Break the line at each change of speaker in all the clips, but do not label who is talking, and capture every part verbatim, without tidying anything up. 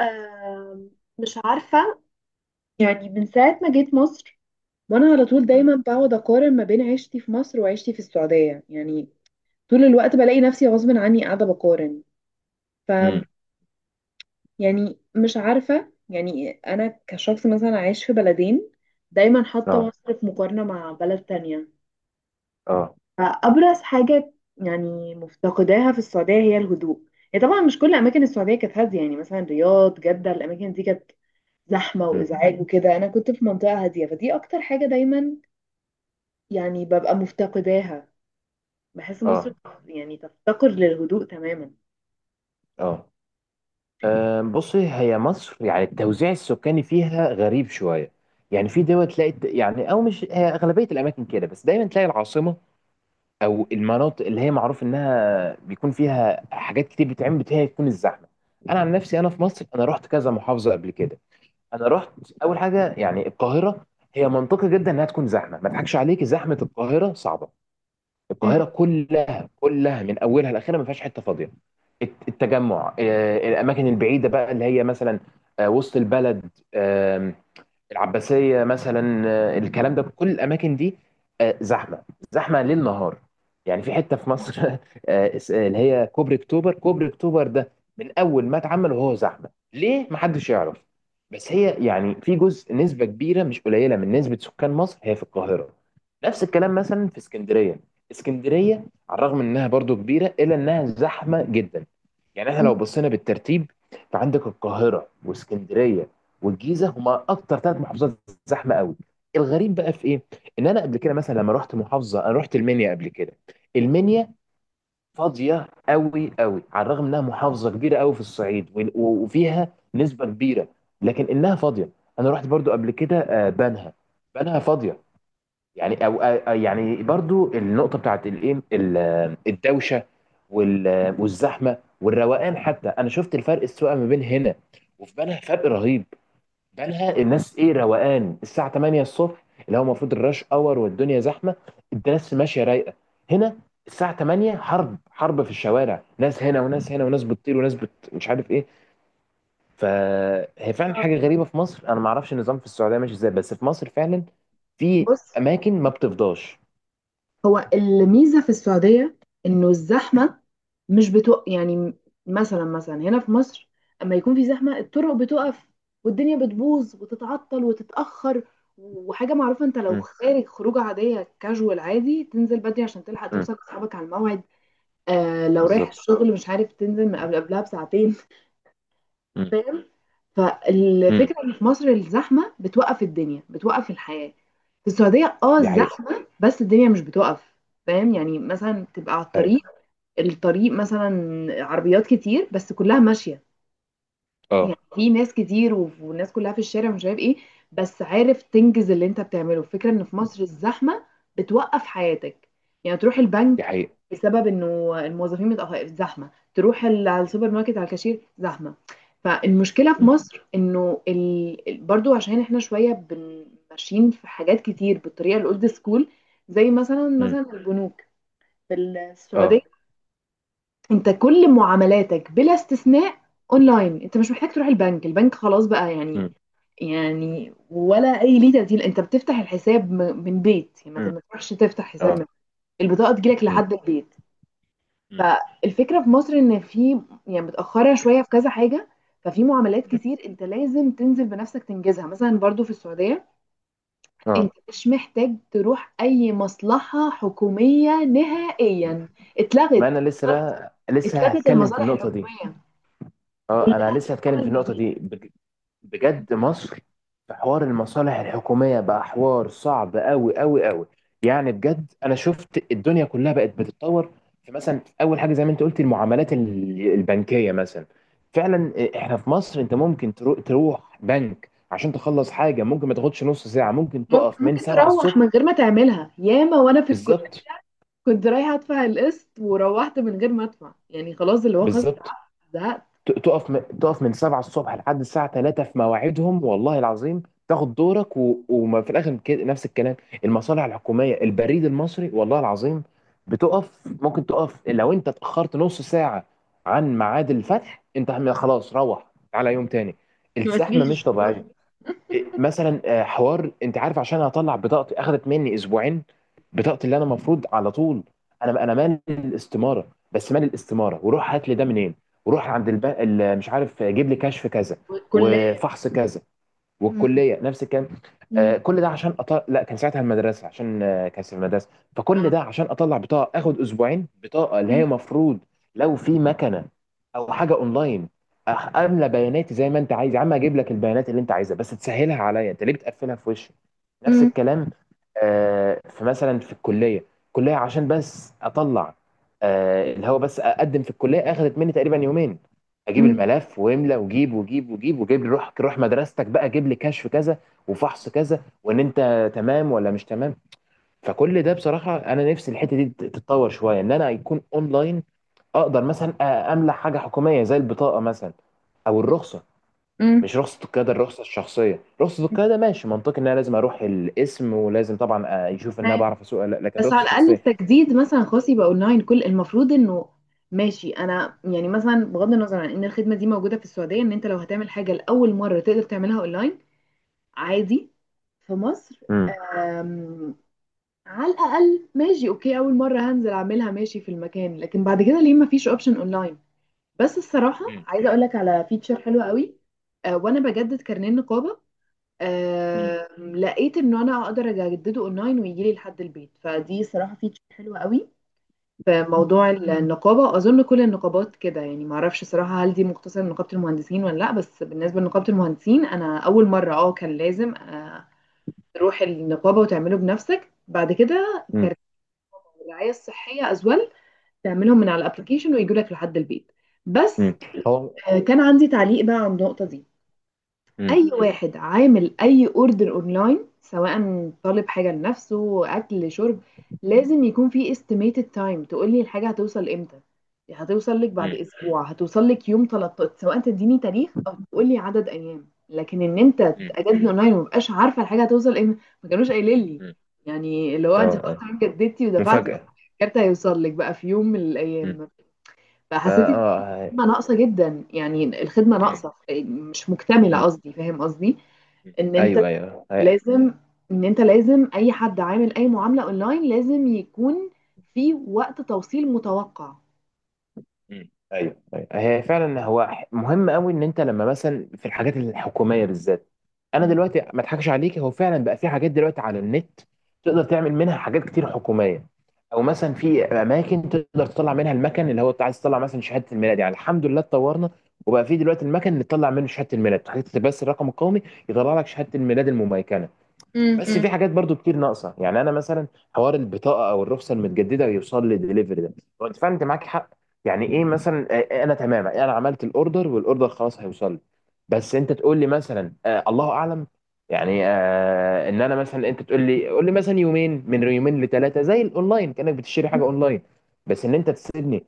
آم، مش عارفة. يعني من ساعة ما جيت مصر وانا على طول
مم.
دايما بقعد اقارن ما بين عيشتي في مصر وعيشتي في السعودية، يعني طول الوقت بلاقي نفسي غصب عني قاعدة بقارن. ف
مم.
يعني مش عارفة، يعني انا كشخص مثلا عايش في بلدين دايما حاطة
اه،
مصر في مقارنة مع بلد تانية.
اه.
فأبرز حاجة يعني مفتقداها في السعودية هي الهدوء. هي طبعا مش كل أماكن السعودية كانت هادية، يعني مثلا رياض جدة الأماكن دي كانت زحمة
مم.
وإزعاج وكده، أنا كنت في منطقة هادية فدي أكتر حاجة دايما يعني ببقى مفتقداها. بحس مصر
اه،
يعني تفتقر للهدوء تماما.
اه. آم، بصي، هي مصر يعني التوزيع السكاني فيها غريب شويه. يعني في دول تلاقي الت- يعني او مش هي اغلبيه الاماكن كده، بس دايما تلاقي العاصمه او المناطق اللي هي معروف انها بيكون فيها حاجات كتير بتتعمل بتاعي تكون الزحمه. انا عن نفسي، انا في مصر انا رحت كذا محافظه قبل كده. انا رحت اول حاجه يعني القاهره، هي منطقي جدا انها تكون زحمه، ما اضحكش عليك زحمه القاهره صعبه.
مم.
القاهره كلها كلها من اولها لاخرها ما فيهاش حته فاضيه. الت- التجمع، آه، الاماكن البعيده بقى اللي هي مثلا آه، وسط البلد، العباسية مثلا، آه، الكلام ده، كل الأماكن دي آه، زحمة. زحمة ليل نهار. يعني في حتة في مصر آه، اس- اللي هي كوبري أكتوبر. كوبري أكتوبر ده من أول ما اتعمل وهو زحمة، ليه محدش يعرف. بس هي يعني في جزء، نسبة كبيرة مش قليلة من نسبة سكان مصر هي في القاهرة. نفس الكلام مثلا في اسكندرية. اسكندرية، على الرغم إنها برضو كبيرة، إلا إنها زحمة جدا. يعني احنا
مم.
لو بصينا بالترتيب، فعندك القاهرة واسكندرية والجيزه، هما اكتر ثلاث محافظات زحمه قوي. الغريب بقى في ايه، ان انا قبل كده مثلا لما رحت محافظه، انا رحت المنيا قبل كده. المنيا فاضيه قوي قوي، على الرغم انها محافظه كبيره قوي في الصعيد وال- و- وفيها نسبه كبيره، لكن انها فاضيه. انا رحت برضو قبل كده آه، بنها. بنها فاضيه، يعني او آه، آه، يعني برضو النقطه بتاعت الايه ال- آه، الدوشه وال- آه، والزحمه والروقان، حتى انا شفت الفرق السواقه ما بين هنا وفي بنها، فرق رهيب. بالها الناس ايه، روقان. الساعه تمانيه الصبح اللي هو المفروض الراش اور والدنيا زحمه، الناس ماشيه رايقه. هنا الساعه تمانيه حرب حرب في الشوارع، ناس هنا وناس هنا وناس بتطير وناس بت... مش عارف ايه. فهي فعلا حاجه
آه.
غريبه في مصر. انا ما اعرفش النظام في السعوديه ماشي ازاي، بس في مصر فعلا في
بص،
اماكن ما بتفضاش.
هو الميزة في السعودية إنه الزحمة مش بتوق يعني. مثلا مثلا هنا في مصر أما يكون في زحمة الطرق بتقف والدنيا بتبوظ وتتعطل وتتأخر. وحاجة معروفة أنت لو
امم.
خارج خروجة عادية كاجوال عادي تنزل بدري عشان تلحق
امم.
توصل لأصحابك على الموعد. آه لو رايح
بالظبط.
الشغل مش عارف تنزل من قبل قبلها بساعتين.
امم.
فاهم؟ فالفكرة
امم.
ان في مصر الزحمة بتوقف الدنيا، بتوقف الحياة. في السعودية اه
دي حقيقه.
الزحمة بس الدنيا مش بتوقف. فاهم؟ يعني مثلا تبقى على الطريق،
ايوه.
الطريق مثلا عربيات كتير بس كلها ماشية. يعني
اه.
في ناس كتير وف- والناس كلها في الشارع مش عارف ايه، بس عارف تنجز اللي انت بتعمله. الفكرة ان في مصر الزحمة بتوقف حياتك. يعني تروح
دي
البنك
حقيقه.
بسبب انه الموظفين متأخر زحمة، تروح ال- على السوبر ماركت على الكاشير زحمة. فالمشكلة في
امم.
مصر انه ال... ال- برضو عشان احنا شوية بن- ماشيين في حاجات كتير بالطريقة الاولد سكول. زي مثلا
امم.
مثلا البنوك في السعودية،
اه.
انت كل معاملاتك بلا استثناء اونلاين. انت مش محتاج تروح البنك، البنك خلاص بقى يعني.
امم.
يعني ولا اي ليه تبديل، انت بتفتح الحساب م- من بيت، يعني ما
امم.
ما تروحش تفتح حساب
اه.
من. البطاقه تجيلك
امم.
لحد البيت.
امم.
فالفكره في مصر ان في يعني متاخره شويه في كذا حاجه. ففي معاملات
امم.
كتير انت لازم تنزل بنفسك تنجزها. مثلا برضو في السعوديه انت
اه.
مش محتاج تروح اي مصلحه حكوميه نهائيا.
ما
اتلغت،
انا لسه بقى لسه
اتلغت
هتكلم في
المصالح
النقطه دي.
الحكوميه،
اه، انا لسه هتكلم
عمل
في
من
النقطه
البيت.
دي بج- بجد. مصر في حوار المصالح الحكوميه بقى حوار صعب قوي قوي قوي. يعني بجد انا شفت الدنيا كلها بقت بتتطور. في مثلا اول حاجه زي ما انت قلت، المعاملات ال- البنكيه مثلا، فعلا. احنا في مصر انت ممكن ترو- تروح بنك عشان تخلص حاجه، ممكن ما تاخدش نص ساعه، ممكن تقف
ممكن
من
ممكن
سبعة
تروح من
الصبح.
غير ما تعملها. ياما وانا في الكليه
بالظبط.
كنت رايحه ادفع القسط وروحت من غير ما ادفع، يعني خلاص اللي هو خلاص
بالظبط.
تعبت زهقت
ت- تقف م... تقف من سبعة الصبح لحد الساعة ثلاثة في مواعيدهم، والله العظيم، تاخد دورك و... وما في الآخر كده نفس الكلام. المصالح الحكومية، البريد المصري، والله العظيم بتقف. ممكن تقف لو أنت اتأخرت نص ساعة عن ميعاد الفتح، أنت خلاص روح على يوم تاني.
ما
الزحمة
تجيش
مش طبيعية. مثلا آه، حوار انت عارف، عشان اطلع بطاقتي اخذت مني اسبوعين. بطاقتي اللي انا المفروض على طول، انا انا مال الاستماره، بس مال الاستماره وروح هات لي ده منين، وروح عند الب... ال- مش عارف، آه، جيب لي كشف كذا
الكليه.
وفحص كذا،
مم.
والكليه نفس الكلام.
مم.
آه، كل ده عشان أطلع، لا كان ساعتها المدرسه، عشان آه، كان في المدرسه. فكل
آه.
ده عشان اطلع بطاقه اخد اسبوعين، بطاقه اللي هي
مم.
مفروض لو في مكنه او حاجه اونلاين أخ- املى بياناتي زي ما انت عايز، يا عم اجيب لك البيانات اللي انت عايزها بس تسهلها عليا، انت ليه بتقفلها في وشي. نفس
مم.
الكلام. آه، فمثلا في الكليه، الكليه عشان بس اطلع آه، اللي هو بس اقدم في الكليه اخذت مني تقريبا يومين. اجيب الملف واملى وجيب وجيب وجيب وجيب لي، روح روح مدرستك بقى، جيب لي كشف كذا وفحص كذا وان انت تمام ولا مش تمام. فكل ده بصراحه انا نفسي الحته دي تت- تتطور شويه، ان انا يكون اونلاين. اقدر مثلا أ- املى حاجه حكوميه زي البطاقه مثلا، او الرخصه.
مم. مم.
مش رخصة القيادة، الرخصة الشخصية. رخصة القيادة ماشي، منطقي ان انا لازم اروح القسم، ولازم طبعا آه، يشوف ان انا
تمام.
بعرف اسوق ولا لا، لكن
بس على
الرخصة
الاقل
الشخصية.
التجديد مثلا خاص يبقى اونلاين، كل المفروض انه ماشي. انا يعني مثلا بغض النظر عن ان الخدمه دي موجوده في السعوديه، ان انت لو هتعمل حاجه لاول مره تقدر تعملها اونلاين عادي. في مصر
امم.
على الاقل ماشي اوكي اول مره هنزل اعملها ماشي في المكان، لكن بعد كده ليه ما فيش اوبشن اونلاين؟ بس الصراحه
مم.
عايزه اقول لك على فيتشر حلوه قوي. آه وانا بجدد كارنيه النقابه،
مم.
آه لقيت ان انا اقدر اجدده اونلاين ويجي لي لحد البيت، فدي صراحه فيتشر حلوه قوي. في
مم.
موضوع النقابه اظن كل النقابات كده، يعني ما اعرفش صراحه هل دي مختصه لنقابه المهندسين ولا لا، بس بالنسبه لنقابه المهندسين انا اول مره اه كان لازم آه تروح النقابه وتعمله بنفسك. بعد كده
امم.
الرعايه الصحيه از ويل، تعملهم من على الابلكيشن ويجوا لك لحد البيت. بس
امم. هو.
آه، كان عندي تعليق بقى عن النقطه دي.
امم.
اي واحد عامل اي اوردر اونلاين، سواء طالب حاجه لنفسه اكل شرب، لازم يكون في estimated time تقول لي الحاجه هتوصل امتى. هتوصل لك بعد
مم.
اسبوع، هتوصل لك يوم ثلاثة عشر، سواء تديني تاريخ او تقول لي عدد ايام. لكن ان انت
مم.
تجدد اونلاين ومبقاش عارفه الحاجه هتوصل امتى، ما كانوش قايلين لي.
مم.
يعني اللي هو
اه.
انت خلاص
اه.
تمام، جددتي ودفعتي،
مفاجأة.
الكارت هيوصل لك بقى في يوم من
امم.
الايام.
اه.
فحسيت ان في
آه.
خدمه ناقصه جدا، يعني الخدمه
مم.
ناقصه مش مكتمله
مم.
قصدي، فاهم قصدي؟
مم.
ان انت
ايوه. ايوه.
لازم ان انت لازم اي حد عامل اي معامله اونلاين لازم يكون في وقت توصيل متوقع.
مم. ايوه. ايوه. هي فعلا هو ح- مهم قوي ان انت لما مثلا في الحاجات الحكوميه بالذات. انا
مم.
دلوقتي ما اضحكش عليك، هو فعلا بقى في حاجات دلوقتي على النت تقدر تعمل منها حاجات كتير حكوميه، او مثلا في اماكن تقدر تطلع منها المكن اللي هو انت عايز تطلع مثلا شهاده الميلاد. يعني الحمد لله اتطورنا، وبقى في دلوقتي المكن اللي تطلع منه شهاده الميلاد، تحط بس الرقم القومي يطلع لك شهاده الميلاد المميكنه. بس
مم.
في حاجات برضو كتير ناقصه. يعني انا مثلا حوار البطاقه او الرخصه المتجدده ويوصل لي ديليفري ده، هو انت فعلا، انت معاك حق. يعني ايه مثلا، آه، انا تمام، انا عملت الاوردر والاوردر خلاص هيوصل لي، بس انت تقول لي مثلا آه الله اعلم. يعني آه ان انا مثلا، انت تقول لي قول لي مثلا يومين، من يومين لثلاثه، زي الاونلاين، كانك بتشتري حاجه
مم.
اونلاين. بس ان انت تسيبني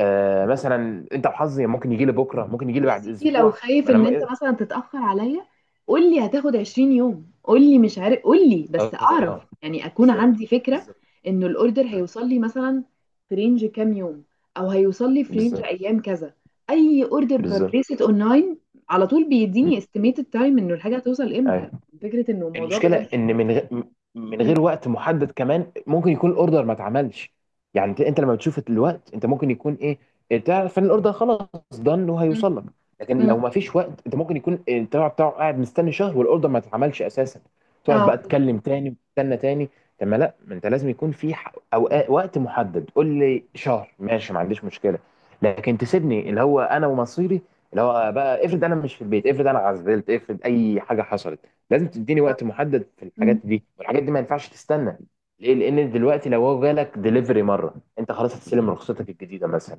آه مثلا انت وحظي، ممكن يجي لي بكره، ممكن يجي لي
يا
بعد
سيدي لو
اسبوع.
خايف
ما انا
ان انت
م-
مثلا تتأخر عليا قول لي هتاخد عشرين يوم، قول لي مش عارف، قول لي بس اعرف،
اه.
يعني اكون
بالظبط.
عندي فكرة
بالظبط.
انه الاوردر هيوصل لي مثلا في رينج كام يوم، او هيوصل لي في رينج
بالظبط.
ايام كذا. اي اوردر
بالظبط.
ببريست اونلاين على طول بيديني
مم.
استيميتد تايم انه الحاجة هتوصل امتى.
ايوه.
فكرة انه الموضوع
المشكله
بجد.
ان من غ... من
مم.
غير وقت محدد كمان ممكن يكون الاوردر ما اتعملش. يعني انت إنت لما بتشوف الوقت، انت ممكن يكون ايه، تعرف ان الاوردر خلاص دن
مم.
وهيوصل لك. لكن
مم.
لو ما فيش وقت، انت ممكن يكون التبع بتاعه قاعد مستني شهر والاوردر ما اتعملش اساسا، تقعد
اه
بقى تكلم تاني وتستنى تاني. طب ما لا ما انت لازم يكون في ح- اوقات وقت محدد. قول لي شهر ماشي، ما عنديش مشكله، لكن تسيبني اللي هو انا ومصيري. اللي هو بقى افرض انا مش في البيت، افرض انا عزلت، افرض اي حاجه حصلت. لازم تديني
بالظبط.
وقت محدد في الحاجات
مم.
دي، والحاجات دي ما ينفعش تستنى. ليه، لان دلوقتي لو هو جالك ديليفري مره، انت خلاص هتستلم رخصتك الجديده مثلا.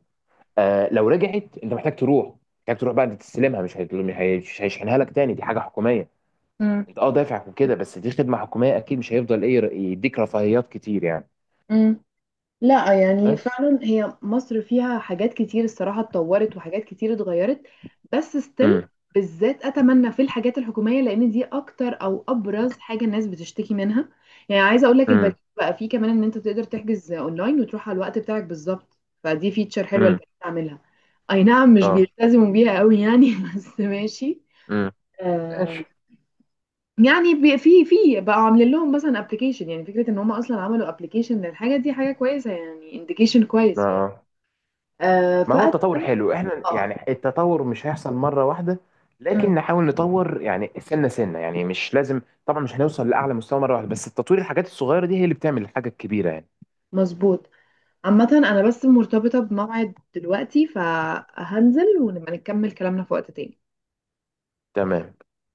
آه لو رجعت انت محتاج تروح، محتاج تروح بعد تستلمها، مش هيطل- مش هي- مش هيشحنها لك تاني، دي حاجه حكوميه.
مم.
انت، اه، دافع وكده، بس دي خدمه حكوميه، اكيد مش هيفضل ايه ر- يديك رفاهيات كتير يعني،
مم. لا يعني
بس.
فعلا هي مصر فيها حاجات كتير الصراحة اتطورت وحاجات كتير اتغيرت، بس ستيل
امم.
بالذات اتمنى في الحاجات الحكومية لان دي اكتر او ابرز حاجة الناس بتشتكي منها. يعني عايزة اقول لك البديل
امم.
بقى، فيه كمان ان انت تقدر تحجز اونلاين وتروح على الوقت بتاعك بالظبط، فدي فيتشر حلوة
امم.
البديل عاملها. اي نعم مش
اه.
بيلتزموا بيها قوي يعني، بس ماشي.
امم.
آه،
ماشي.
يعني بي- في في بقوا عاملين لهم مثلا ابلكيشن، يعني فكره ان هم اصلا عملوا ابلكيشن للحاجه دي حاجه كويسه يعني، انديكيشن
اه.
كويس.
آه.
آه
ما هو التطور
فأتمنى.
حلو، احنا
اه
يعني التطور مش هيحصل مرة واحدة،
أمم،
لكن نحاول نطور يعني سنة سنة، يعني مش لازم. طبعا مش هنوصل لأعلى مستوى مرة واحدة، بس التطوير الحاجات الصغيرة دي هي اللي بتعمل الحاجة الكبيرة يعني.
مظبوط. عامة أنا بس مرتبطة بموعد دلوقتي فهنزل ونبقى نكمل كلامنا في وقت تاني.
تمام.